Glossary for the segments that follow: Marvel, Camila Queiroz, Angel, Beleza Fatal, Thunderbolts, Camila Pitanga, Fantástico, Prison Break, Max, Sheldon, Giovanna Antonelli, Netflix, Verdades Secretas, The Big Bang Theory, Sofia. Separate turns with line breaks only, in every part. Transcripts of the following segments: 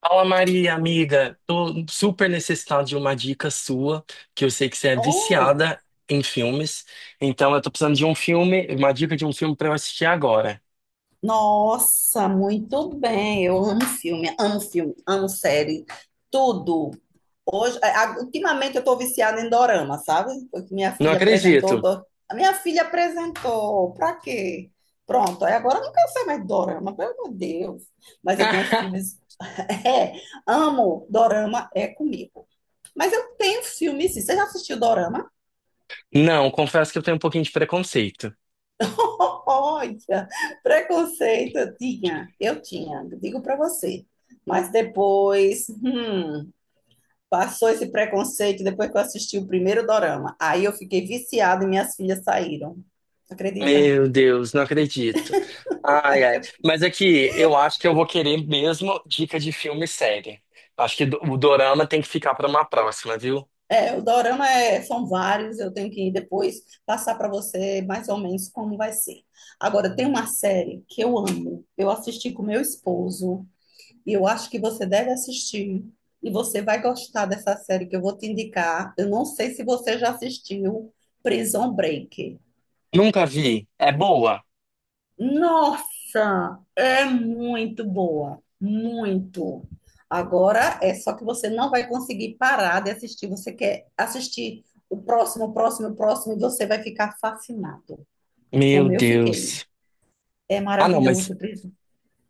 Fala Maria, amiga, tô super necessitado de uma dica sua, que eu sei que você é
Oh,
viciada em filmes, então eu tô precisando de um filme, uma dica de um filme pra eu assistir agora.
nossa, muito bem. Eu amo filme, amo filme, amo série, tudo. Hoje, ultimamente eu estou viciada em dorama, sabe? Porque minha
Não
filha
acredito.
a minha filha apresentou, pra quê? Pronto, aí agora eu não quero ser mais de dorama, pelo amor de Deus. Mas eu tenho uns filmes, é, amo, dorama é comigo. Mas eu tenho filmes, sim. Você já assistiu dorama?
Não, confesso que eu tenho um pouquinho de preconceito.
Olha, preconceito eu tinha, digo para você. Mas depois, passou esse preconceito depois que eu assisti o primeiro dorama. Aí eu fiquei viciada e minhas filhas saíram. Acredita?
Meu Deus, não acredito. Ai, ai. Mas aqui, eu acho que eu vou querer mesmo dica de filme e série. Acho que o dorama tem que ficar pra uma próxima, viu?
É, o são vários, eu tenho que depois passar para você mais ou menos como vai ser. Agora, tem uma série que eu amo. Eu assisti com meu esposo. E eu acho que você deve assistir. E você vai gostar dessa série que eu vou te indicar. Eu não sei se você já assistiu Prison Break.
Nunca vi. É boa?
Nossa, é muito boa, muito. Agora é só que você não vai conseguir parar de assistir. Você quer assistir o próximo, o próximo, o próximo, e você vai ficar fascinado.
Meu
Como eu fiquei.
Deus.
É
Ah, não, mas
maravilhoso, Prison.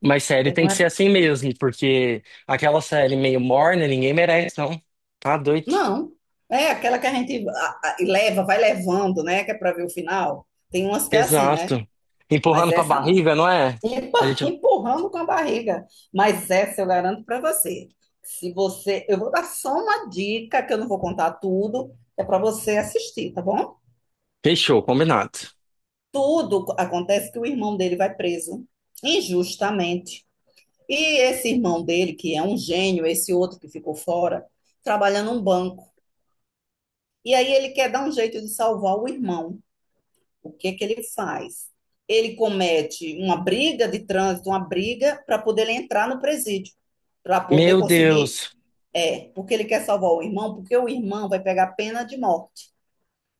Mas série
É.
tem que ser assim mesmo, porque aquela série meio morna, ninguém merece, não. Tá doido.
Não. É aquela que a gente leva, vai levando, né? Que é para ver o final. Tem umas que é assim, né?
Exato.
Mas
Empurrando com a
essa não.
barriga, não é? A gente
Empurrando com a barriga. Mas essa eu garanto para você. Se você, eu vou dar só uma dica, que eu não vou contar tudo, é para você assistir, tá bom?
fechou, combinado.
Tudo acontece que o irmão dele vai preso injustamente. E esse irmão dele, que é um gênio, esse outro que ficou fora, trabalha num banco. E aí ele quer dar um jeito de salvar o irmão. O que que ele faz? Ele comete uma briga de trânsito, uma briga para poder ele entrar no presídio, para poder
Meu
conseguir,
Deus.
é, porque ele quer salvar o irmão, porque o irmão vai pegar pena de morte,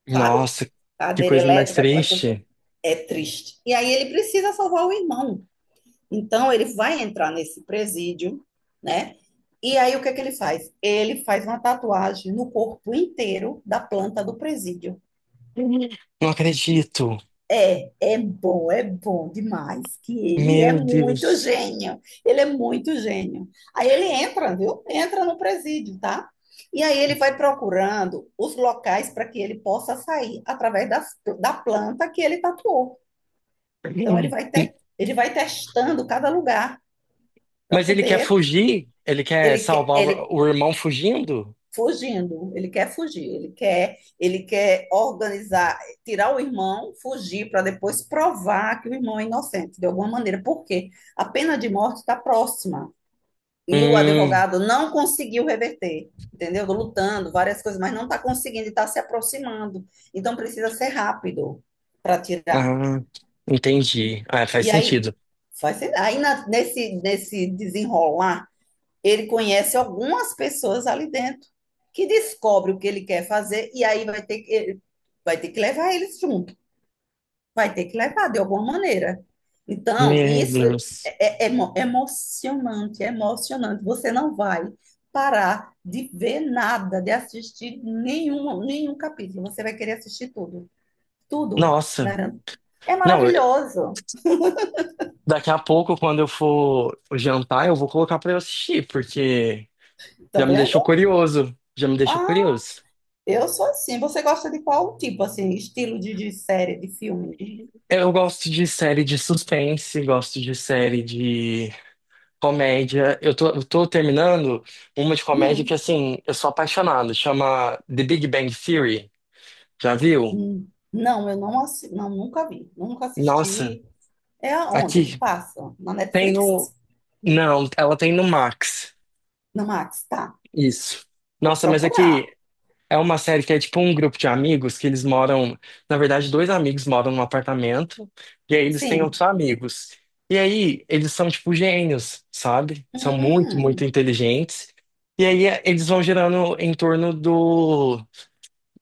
sabe?
Nossa, que
Cadeira
coisa mais
elétrica, aquela coisa toda.
triste.
É triste. E aí ele precisa salvar o irmão. Então ele vai entrar nesse presídio, né? E aí o que é que ele faz? Ele faz uma tatuagem no corpo inteiro da planta do presídio.
Não acredito.
É, é bom demais, que ele é
Meu
muito
Deus.
gênio, ele é muito gênio. Aí ele entra, viu? Entra no presídio, tá? E aí ele vai procurando os locais para que ele possa sair através da planta que ele tatuou. Então ele ele vai testando cada lugar para
Mas ele quer
poder,
fugir? Ele quer salvar
ele
o irmão fugindo?
fugindo, ele quer fugir, ele quer organizar, tirar o irmão, fugir para depois provar que o irmão é inocente de alguma maneira, porque a pena de morte está próxima e o
Hum,
advogado não conseguiu reverter, entendeu? Lutando várias coisas, mas não está conseguindo, está se aproximando, então precisa ser rápido para tirar.
ah, entendi. Ah, faz
E aí,
sentido.
faz, aí na- nesse nesse desenrolar ele conhece algumas pessoas ali dentro que descobre o que ele quer fazer e aí vai ter que levar eles junto, vai ter que levar de alguma maneira. Então,
Meu
isso
Deus.
é, é emocionante, é emocionante. Você não vai parar de ver nada, de assistir nenhum capítulo. Você vai querer assistir tudo. Tudo,
Nossa.
garanto. É
Não, eu-
maravilhoso.
Daqui a pouco, quando eu for jantar, eu vou colocar pra eu assistir, porque
Tá
já me
vendo?
deixou curioso. Já me deixou
Ah,
curioso.
eu sou assim. Você gosta de qual tipo, assim, estilo de série, de filme?
Eu gosto de série de suspense, gosto de série de comédia. Eu tô terminando uma de comédia que,
Hum,
assim, eu sou apaixonado. Chama The Big Bang Theory. Já viu?
Não, eu não, assi... não, nunca vi, nunca
Nossa,
assisti. É aonde que
aqui
passa? Na
tem no.
Netflix?
Não, ela tem no Max.
Na Max, tá.
Isso.
Vou
Nossa, mas
procurar.
aqui. É uma série que é tipo um grupo de amigos que eles moram. Na verdade, dois amigos moram num apartamento, e aí eles têm
Sim.
outros amigos. E aí eles são tipo gênios, sabe? São muito, muito
Hum.
inteligentes. Eles vão girando em torno do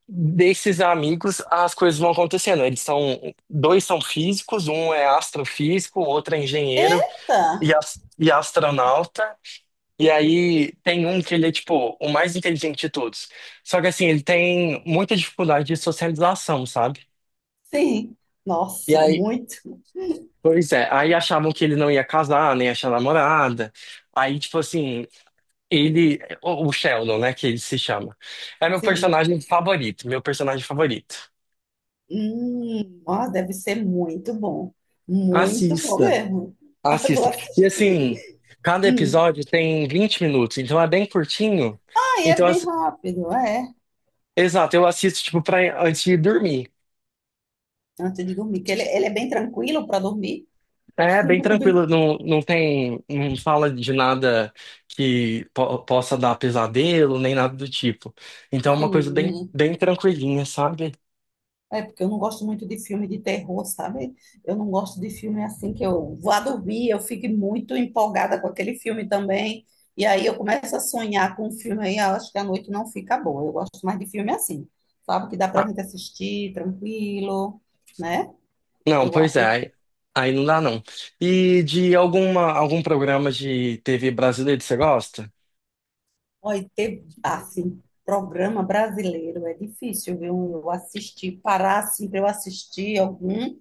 desses amigos, as coisas vão acontecendo. Eles são dois são físicos, um é astrofísico, o outro é engenheiro
Eita!
e astronauta. E aí tem um que ele é, tipo, o mais inteligente de todos. Só que assim, ele tem muita dificuldade de socialização, sabe?
Sim.
E
Nossa, é
aí,
muito.
pois é, aí achavam que ele não ia casar, nem achar namorada. Aí, tipo assim, ele, o Sheldon, né, que ele se chama, é meu
Sim.
personagem favorito, meu personagem favorito.
Hum. Nossa, deve ser muito bom. Muito bom
Assista,
mesmo. Vou
assista. E
assistir.
assim, cada
Hum.
episódio tem 20 minutos, então é bem curtinho.
Ah, é
Então,
bem
assim,
rápido, é.
exato, eu assisto, tipo, pra, antes de dormir.
Antes de dormir, que ele é bem tranquilo para dormir.
É bem
Bem-
tranquilo, não fala de nada que possa dar pesadelo, nem nada do tipo. Então é uma coisa bem,
Sim.
bem tranquilinha, sabe?
É, porque eu não gosto muito de filme de terror, sabe? Eu não gosto de filme assim que eu vá dormir, eu fico muito empolgada com aquele filme também. E aí eu começo a sonhar com o filme aí, eu acho que a noite não fica boa. Eu gosto mais de filme assim, sabe? Que dá pra
Ah,
gente assistir tranquilo, né?
não,
Eu, a-
pois é,
eu,
aí não dá não. E de alguma, algum programa de TV brasileiro que você gosta?
olha, ter, assim, programa brasileiro é difícil, viu? Eu assistir, parar assim pra eu assistir algum.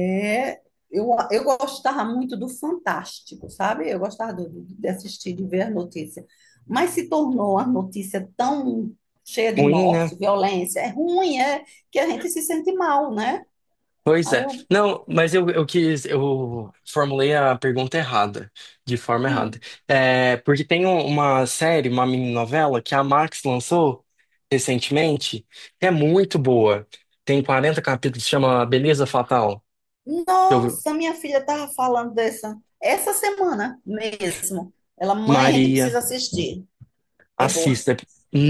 É, eu gostava muito do Fantástico, sabe? Eu gostava de assistir, de ver a notícia. Mas se tornou a notícia tão cheia de
Ruim, né?
morte, violência, é ruim, é que a gente se sente mal, né?
Pois
Aí
é.
eu,
Não, eu quis, eu formulei a pergunta errada, de forma errada.
hum,
É, porque tem uma série, uma mininovela que a Max lançou recentemente, que é muito boa. Tem 40 capítulos, chama Beleza Fatal. Eu,
nossa, minha filha estava falando dessa, essa semana mesmo. Ela, mãe, a gente
Maria.
precisa assistir. É boa.
Assista, é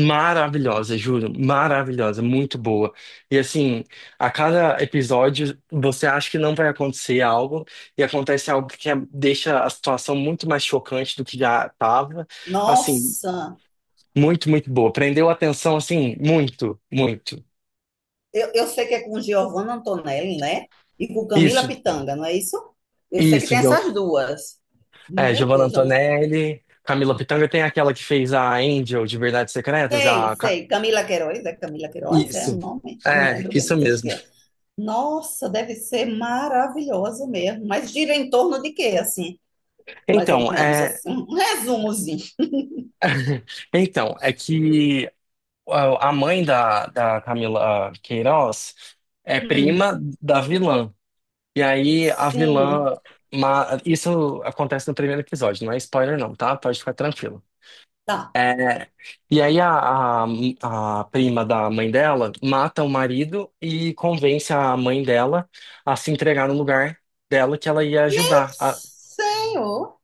maravilhosa, juro, maravilhosa, muito boa. E assim, a cada episódio você acha que não vai acontecer algo e acontece algo que deixa a situação muito mais chocante do que já estava. Assim,
Nossa!
muito, muito boa. Prendeu a atenção, assim, muito, muito.
Eu sei que é com Giovanna Antonelli, né? E com Camila
Isso,
Pitanga, não é isso? Eu sei que
isso,
tem
Gio-
essas duas.
é,
Meu
Giovanna
Deus, eu não
Antonelli, Camila Pitanga tem aquela que fez a Angel de Verdades Secretas,
sei, sei. Camila Queiroz? É o
isso,
nome? Eu não
é,
lembro bem,
isso
mas acho
mesmo.
que é. Nossa, deve ser maravilhosa mesmo. Mas gira em torno de quê, assim? Mais ou
Então,
menos,
é,
assim. Um resumozinho.
então, é que ó, a mãe da Camila Queiroz é
Hum,
prima da vilã. E aí a
sim,
vilã. Isso acontece no primeiro episódio, não é spoiler, não, tá? Pode ficar tranquilo.
tá.
E aí a prima da mãe dela mata o marido e convence a mãe dela a se entregar no lugar dela que ela ia
Meu
ajudar.
Senhor.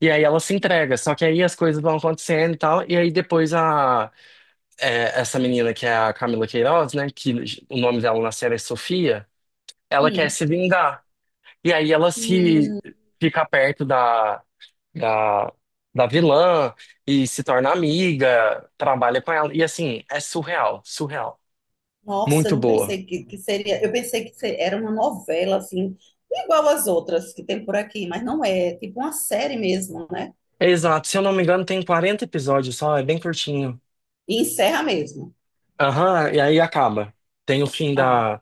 E aí ela se entrega, só que aí as coisas vão acontecendo e tal, e aí depois a é, essa menina que é a Camila Queiroz, né? Que o nome dela na série é Sofia. Ela quer
Hum,
se vingar. E aí ela se
hum.
fica perto da, da vilã e se torna amiga, trabalha com ela. E assim, é surreal, surreal.
Nossa, eu
Muito
não
boa.
pensei que seria. Eu pensei que era uma novela, assim, igual as outras que tem por aqui, mas não é. É tipo uma série mesmo, né?
Exato, se eu não me engano, tem 40 episódios só, é bem curtinho.
E encerra mesmo.
Aham, e aí acaba. Tem o
Ah,
da,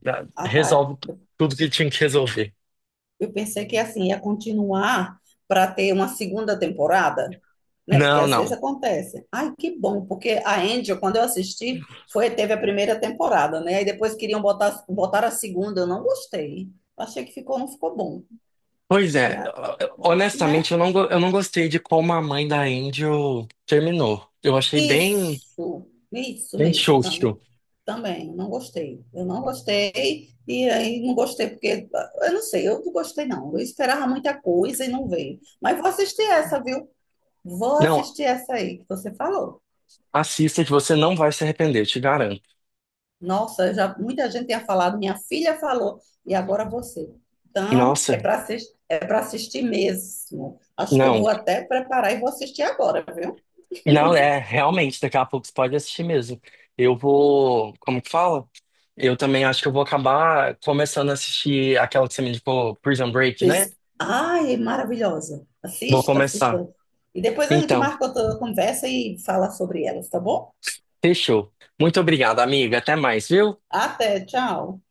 da-
ah tá.
resolve tudo que tinha que resolver.
Eu pensei que, assim, ia continuar para ter uma segunda temporada, né? Porque
Não,
às vezes
não.
acontece. Ai, que bom, porque a Angel, quando eu assisti, foi, teve a primeira temporada, né? Aí depois queriam botar a segunda, eu não gostei. Achei que ficou, não ficou bom.
Pois
E
é,
a-
honestamente,
né?
eu não gostei de como a mãe da Angel terminou. Eu achei bem,
Isso
bem
mesmo, também.
xoxo.
Também, eu não gostei. Eu não gostei, e aí não gostei porque, eu não sei, eu não gostei não. Eu esperava muita coisa e não veio. Mas vou assistir essa, viu? Vou
Não,
assistir essa aí que você falou.
assista que você não vai se arrepender, eu te garanto.
Nossa, já muita gente tinha falado, minha filha falou, e agora você. Então,
Nossa,
é para assistir mesmo. Acho que eu
não,
vou até preparar e vou assistir agora, viu?
não é, realmente, daqui a pouco você pode assistir mesmo. Eu vou, como que fala? Eu também acho que eu vou acabar começando a assistir aquela que você me indicou, Prison Break, né?
Pois- Ai, é maravilhosa.
Vou
Assista,
começar.
assista. E depois a gente
Então,
marca outra conversa e fala sobre elas, tá bom?
fechou. Muito obrigado, amiga. Até mais, viu?
Até, tchau.